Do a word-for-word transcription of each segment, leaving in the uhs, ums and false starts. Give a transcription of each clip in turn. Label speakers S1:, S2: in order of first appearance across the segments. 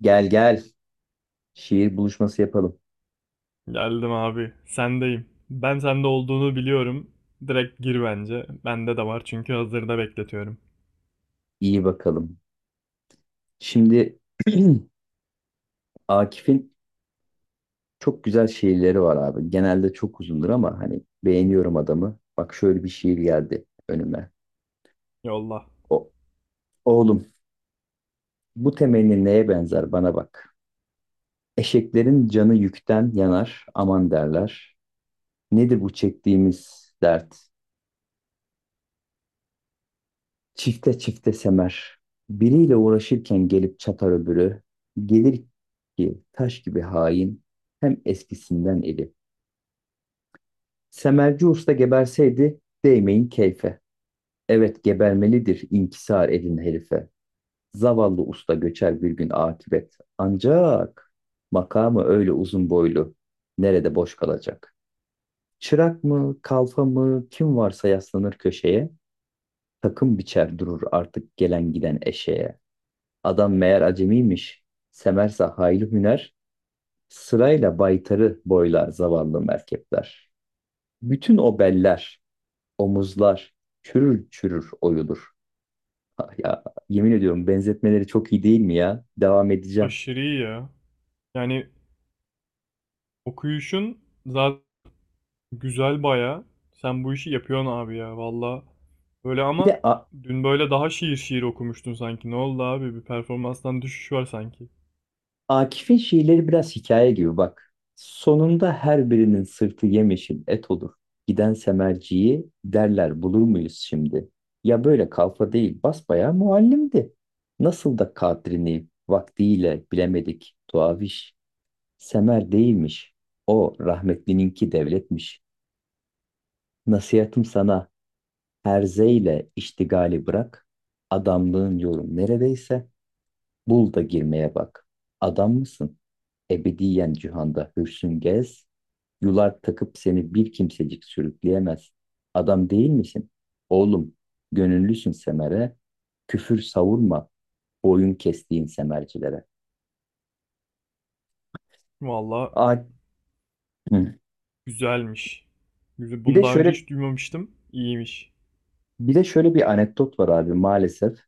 S1: Gel gel. Şiir buluşması yapalım.
S2: Geldim abi. Sendeyim. Ben sende olduğunu biliyorum. Direkt gir bence. Bende de var çünkü hazırda bekletiyorum.
S1: İyi bakalım. Şimdi Akif'in çok güzel şiirleri var abi. Genelde çok uzundur ama hani beğeniyorum adamı. Bak şöyle bir şiir geldi önüme.
S2: Yolla.
S1: O, oğlum bu temenni neye benzer bana bak. Eşeklerin canı yükten yanar aman derler. Nedir bu çektiğimiz dert? Çifte çifte semer. Biriyle uğraşırken gelip çatar öbürü. Gelir ki taş gibi hain. Hem eskisinden eli. Semerci usta geberseydi değmeyin keyfe. Evet gebermelidir inkisar edin herife. Zavallı usta göçer bir gün akibet. Ancak makamı öyle uzun boylu. Nerede boş kalacak? Çırak mı, kalfa mı, kim varsa yaslanır köşeye. Takım biçer durur artık gelen giden eşeğe. Adam meğer acemiymiş. Semersa hayli hüner, sırayla baytarı boylar zavallı merkepler. Bütün o beller, omuzlar çürür çürür oyulur. Ah, ya yemin ediyorum benzetmeleri çok iyi değil mi ya? Devam edeceğim.
S2: Aşırı iyi ya. Yani okuyuşun zaten güzel baya. Sen bu işi yapıyorsun abi ya valla. Böyle
S1: Bir
S2: ama
S1: de a-
S2: dün böyle daha şiir şiir okumuştun sanki. Ne oldu abi? Bir performanstan düşüş var sanki.
S1: Akif'in şiirleri biraz hikaye gibi bak. Sonunda her birinin sırtı yemyeşil et olur. Giden semerciyi derler bulur muyuz şimdi? Ya böyle kalfa değil basbayağı muallimdi. Nasıl da kadrini vaktiyle bilemedik tuaviş. Semer değilmiş. O rahmetlininki devletmiş. Nasihatım sana herzeyle iştigali bırak. Adamlığın yolu neredeyse bul da girmeye bak. Adam mısın? Ebediyen cihanda hürsün gez, yular takıp seni bir kimsecik sürükleyemez. Adam değil misin? Oğlum, gönüllüsün semere, küfür savurma, boyun kestiğin semercilere.
S2: Valla
S1: A- Hı.
S2: güzelmiş. Güzel.
S1: bir
S2: Bunu
S1: de
S2: daha önce
S1: şöyle
S2: hiç duymamıştım. İyiymiş.
S1: Bir de şöyle bir anekdot var abi maalesef.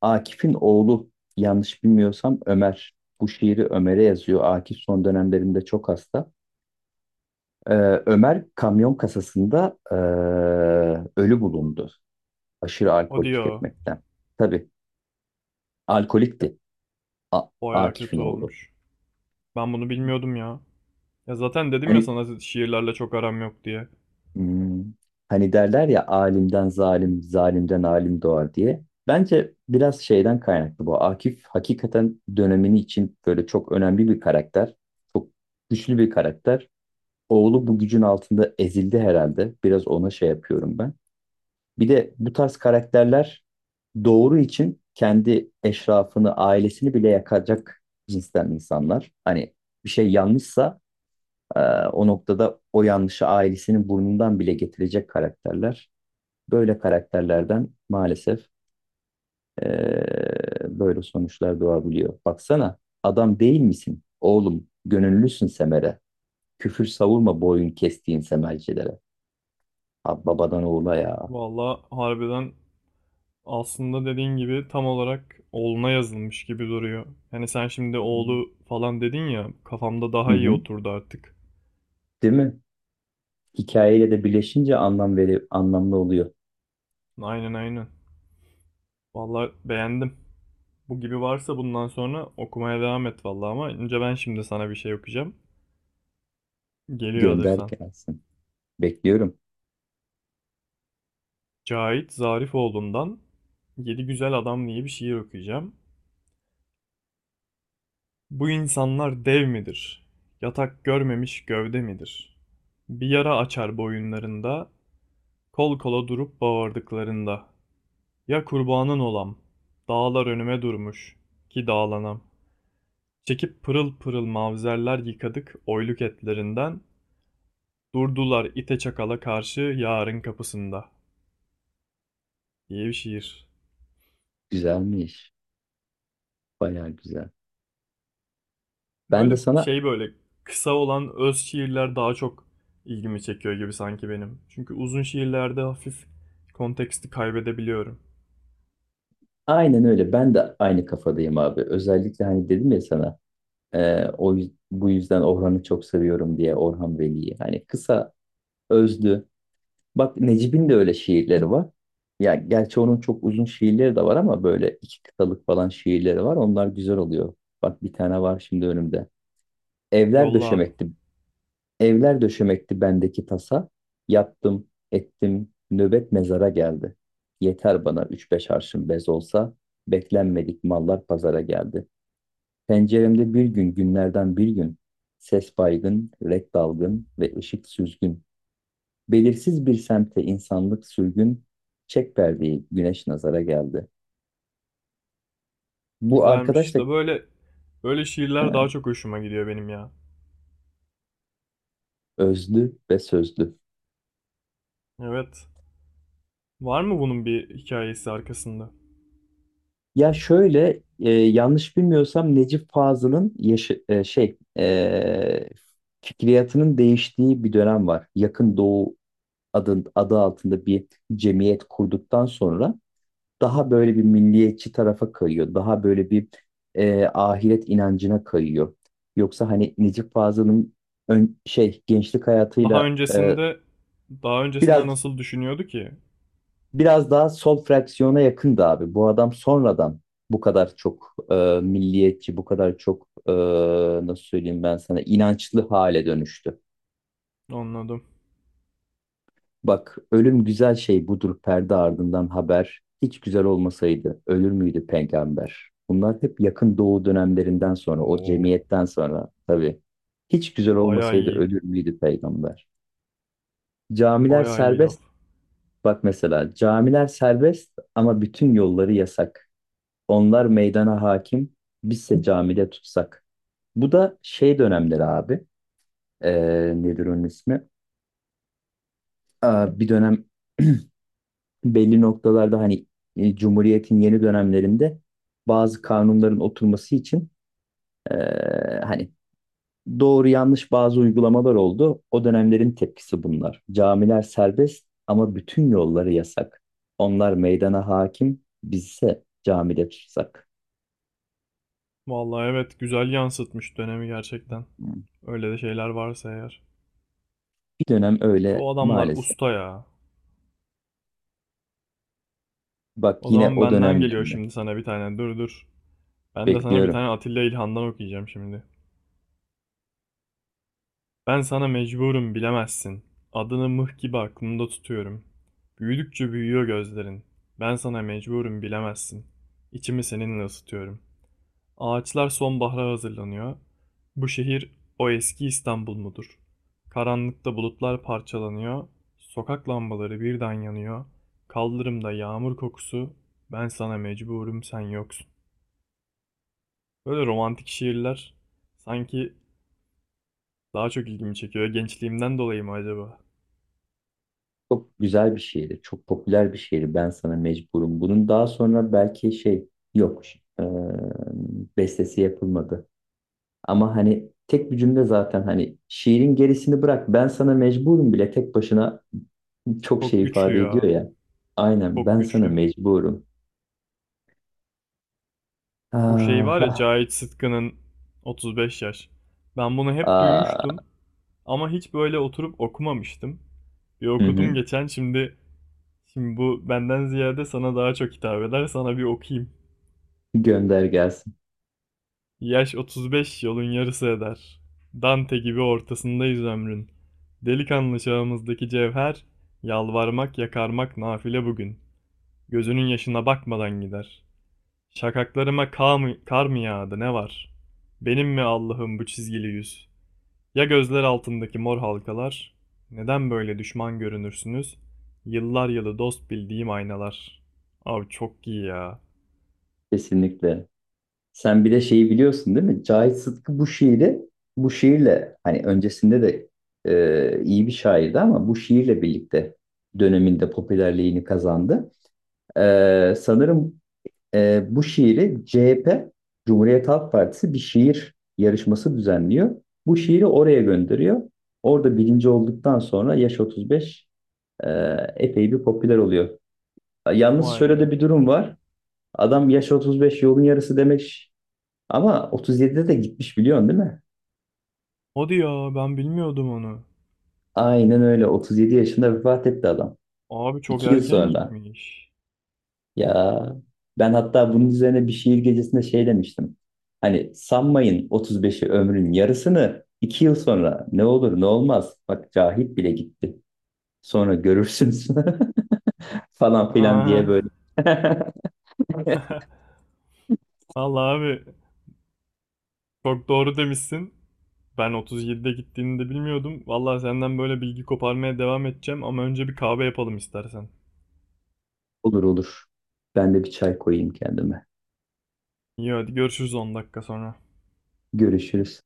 S1: Akif'in oğlu yanlış bilmiyorsam Ömer. Bu şiiri Ömer'e yazıyor. Akif son dönemlerinde çok hasta. Ee, Ömer kamyon kasasında ee, ölü bulundu. Aşırı alkol
S2: Hadi ya.
S1: tüketmekten. Tabii alkolikti, A-
S2: Baya
S1: Akif'in
S2: kötü
S1: oğlu.
S2: olmuş. Ben bunu bilmiyordum ya. Ya zaten dedim ya
S1: Hani
S2: sana şiirlerle çok aram yok diye.
S1: hmm, hani derler ya alimden zalim, zalimden alim doğar diye. Bence biraz şeyden kaynaklı bu. Akif hakikaten dönemini için böyle çok önemli bir karakter. Çok güçlü bir karakter. Oğlu bu gücün altında ezildi herhalde. Biraz ona şey yapıyorum ben. Bir de bu tarz karakterler doğru için kendi eşrafını, ailesini bile yakacak cinsten insanlar. Hani bir şey yanlışsa e, o noktada o yanlışı ailesinin burnundan bile getirecek karakterler. Böyle karakterlerden maalesef e, böyle sonuçlar doğabiliyor. Baksana adam değil misin? Oğlum gönüllüsün Semer'e. Küfür savurma boyun kestiğin Semercilere. Ha, babadan oğula ya.
S2: Valla harbiden aslında dediğin gibi tam olarak oğluna yazılmış gibi duruyor. Yani sen şimdi oğlu falan dedin ya kafamda
S1: Hı
S2: daha iyi
S1: hı.
S2: oturdu artık.
S1: Değil mi? Hikayeyle de birleşince anlam veri anlamlı oluyor.
S2: Aynen aynen. Valla beğendim. Bu gibi varsa bundan sonra okumaya devam et valla ama önce ben şimdi sana bir şey okuyacağım. Geliyor
S1: Gönder
S2: hazırsan.
S1: gelsin. Bekliyorum.
S2: Cahit Zarifoğlu'ndan Yedi Güzel Adam diye bir şiir okuyacağım. Bu insanlar dev midir? Yatak görmemiş gövde midir? Bir yara açar boyunlarında, kol kola durup bağırdıklarında. Ya kurbanın olam, dağlar önüme durmuş, ki dağlanam. Çekip pırıl pırıl mavzerler yıkadık oyluk etlerinden, durdular ite çakala karşı yarın kapısında. Diye bir şiir.
S1: Güzelmiş. Bayağı güzel. Ben de
S2: Böyle
S1: sana
S2: şey böyle kısa olan öz şiirler daha çok ilgimi çekiyor gibi sanki benim. Çünkü uzun şiirlerde hafif konteksti kaybedebiliyorum.
S1: aynen öyle. Ben de aynı kafadayım abi. Özellikle hani dedim ya sana e, o yüz- bu yüzden Orhan'ı çok seviyorum diye, Orhan Veli'yi. Hani kısa, özlü. Bak Necip'in de öyle şiirleri var. Ya gerçi onun çok uzun şiirleri de var ama böyle iki kıtalık falan şiirleri var. Onlar güzel oluyor. Bak bir tane var şimdi önümde. Evler
S2: Yolla abi.
S1: döşemekti Evler döşemekti bendeki tasa. Yattım, ettim, nöbet mezara geldi. Yeter bana üç beş arşın bez olsa, beklenmedik mallar pazara geldi. Penceremde bir gün günlerden bir gün, ses baygın, renk dalgın ve ışık süzgün. Belirsiz bir semte insanlık sürgün, çek perdeyi güneş nazara geldi. Bu
S2: Güzelmiş.
S1: arkadaş da
S2: İşte böyle böyle şiirler
S1: ha,
S2: daha çok hoşuma gidiyor benim ya.
S1: özlü ve sözlü.
S2: Evet. Var mı bunun bir hikayesi arkasında?
S1: Ya şöyle e, yanlış bilmiyorsam Necip Fazıl'ın yaşı, e, şey e, fikriyatının değiştiği bir dönem var. Yakın Doğu adı, adı altında bir cemiyet kurduktan sonra daha böyle bir milliyetçi tarafa kayıyor. Daha böyle bir e, ahiret inancına kayıyor. Yoksa hani Necip Fazıl'ın ön, şey gençlik
S2: Daha
S1: hayatıyla e,
S2: öncesinde daha öncesinde
S1: biraz
S2: nasıl düşünüyordu ki?
S1: biraz daha sol fraksiyona yakındı abi. Bu adam sonradan bu kadar çok e, milliyetçi, bu kadar çok e, nasıl söyleyeyim ben sana, inançlı hale dönüştü.
S2: Anladım.
S1: Bak ölüm güzel şey budur perde ardından haber. Hiç güzel olmasaydı ölür müydü peygamber? Bunlar hep yakın doğu dönemlerinden sonra, o
S2: Oo,
S1: cemiyetten sonra tabii. Hiç güzel
S2: bayağı
S1: olmasaydı
S2: iyi.
S1: ölür müydü peygamber? Camiler
S2: Bayağı iyi laf.
S1: serbest. Bak mesela camiler serbest ama bütün yolları yasak. Onlar meydana hakim. Bizse camide tutsak. Bu da şey dönemleri abi. Ee, nedir onun ismi? Aa, bir dönem belli noktalarda hani e, Cumhuriyet'in yeni dönemlerinde bazı kanunların oturması için e, hani doğru yanlış bazı uygulamalar oldu. O dönemlerin tepkisi bunlar. Camiler serbest ama bütün yolları yasak. Onlar meydana hakim, bizse camide tutsak.
S2: Vallahi evet güzel yansıtmış dönemi gerçekten. Öyle de şeyler varsa eğer.
S1: Bir dönem
S2: E,
S1: öyle
S2: bu adamlar
S1: maalesef.
S2: usta ya.
S1: Bak
S2: O
S1: yine
S2: zaman
S1: o
S2: benden geliyor
S1: dönemlerinde.
S2: şimdi sana bir tane. Dur dur. Ben de sana bir
S1: Bekliyorum.
S2: tane Atilla İlhan'dan okuyacağım şimdi. Ben sana mecburum bilemezsin. Adını mıh gibi aklımda tutuyorum. Büyüdükçe büyüyor gözlerin. Ben sana mecburum bilemezsin. İçimi seninle ısıtıyorum. Ağaçlar sonbahara hazırlanıyor. Bu şehir o eski İstanbul mudur? Karanlıkta bulutlar parçalanıyor. Sokak lambaları birden yanıyor. Kaldırımda yağmur kokusu. Ben sana mecburum sen yoksun. Böyle romantik şiirler sanki daha çok ilgimi çekiyor. Gençliğimden dolayı mı acaba?
S1: Çok güzel bir şiirdi. Çok popüler bir şiirdi. Ben sana mecburum. Bunun daha sonra belki şey yok. Eee, bestesi yapılmadı. Ama hani tek bir cümle zaten, hani şiirin gerisini bırak. Ben sana mecburum bile tek başına çok
S2: Çok
S1: şey
S2: güçlü
S1: ifade ediyor
S2: ya.
S1: ya. Aynen
S2: Çok
S1: ben sana
S2: güçlü.
S1: mecburum.
S2: Bu şey
S1: Ah,
S2: var ya
S1: ah,
S2: Cahit Sıtkı'nın otuz beş yaş. Ben bunu hep
S1: ah.
S2: duymuştum. Ama hiç böyle oturup okumamıştım. Bir
S1: Hı
S2: okudum
S1: hı.
S2: geçen şimdi. Şimdi bu benden ziyade sana daha çok hitap eder. Sana bir okuyayım.
S1: Gönder gelsin.
S2: Yaş otuz beş yolun yarısı eder. Dante gibi ortasındayız ömrün. Delikanlı çağımızdaki cevher, yalvarmak yakarmak nafile bugün. Gözünün yaşına bakmadan gider. Şakaklarıma kar mı, kar mı yağdı ne var? Benim mi Allah'ım bu çizgili yüz? Ya gözler altındaki mor halkalar? Neden böyle düşman görünürsünüz? Yıllar yılı dost bildiğim aynalar. Abi çok iyi ya.
S1: Kesinlikle. Sen bir de şeyi biliyorsun değil mi? Cahit Sıtkı bu şiiri bu şiirle hani öncesinde de e, iyi bir şairdi ama bu şiirle birlikte döneminde popülerliğini kazandı. E, sanırım e, bu şiiri C H P, Cumhuriyet Halk Partisi, bir şiir yarışması düzenliyor. Bu şiiri oraya gönderiyor. Orada birinci olduktan sonra yaş otuz beş e, epey bir popüler oluyor. Yalnız
S2: Vay
S1: şöyle
S2: be.
S1: de bir durum var. Adam yaş otuz beş yolun yarısı demek ama otuz yedide de gitmiş, biliyorsun değil mi?
S2: Hadi ya ben bilmiyordum onu.
S1: Aynen öyle. otuz yedi yaşında vefat etti adam.
S2: Abi çok
S1: iki yıl
S2: erken
S1: sonra.
S2: gitmiş.
S1: Ya ben hatta bunun üzerine bir şiir gecesinde şey demiştim. Hani sanmayın otuz beşi ömrün yarısını, iki yıl sonra ne olur ne olmaz. Bak Cahit bile gitti. Sonra görürsünüz falan filan
S2: Aa.
S1: diye böyle.
S2: Vallahi abi çok doğru demişsin. Ben otuz yedide gittiğini de bilmiyordum. Vallahi senden böyle bilgi koparmaya devam edeceğim ama önce bir kahve yapalım istersen.
S1: Olur olur. Ben de bir çay koyayım kendime.
S2: İyi hadi görüşürüz on dakika sonra.
S1: Görüşürüz.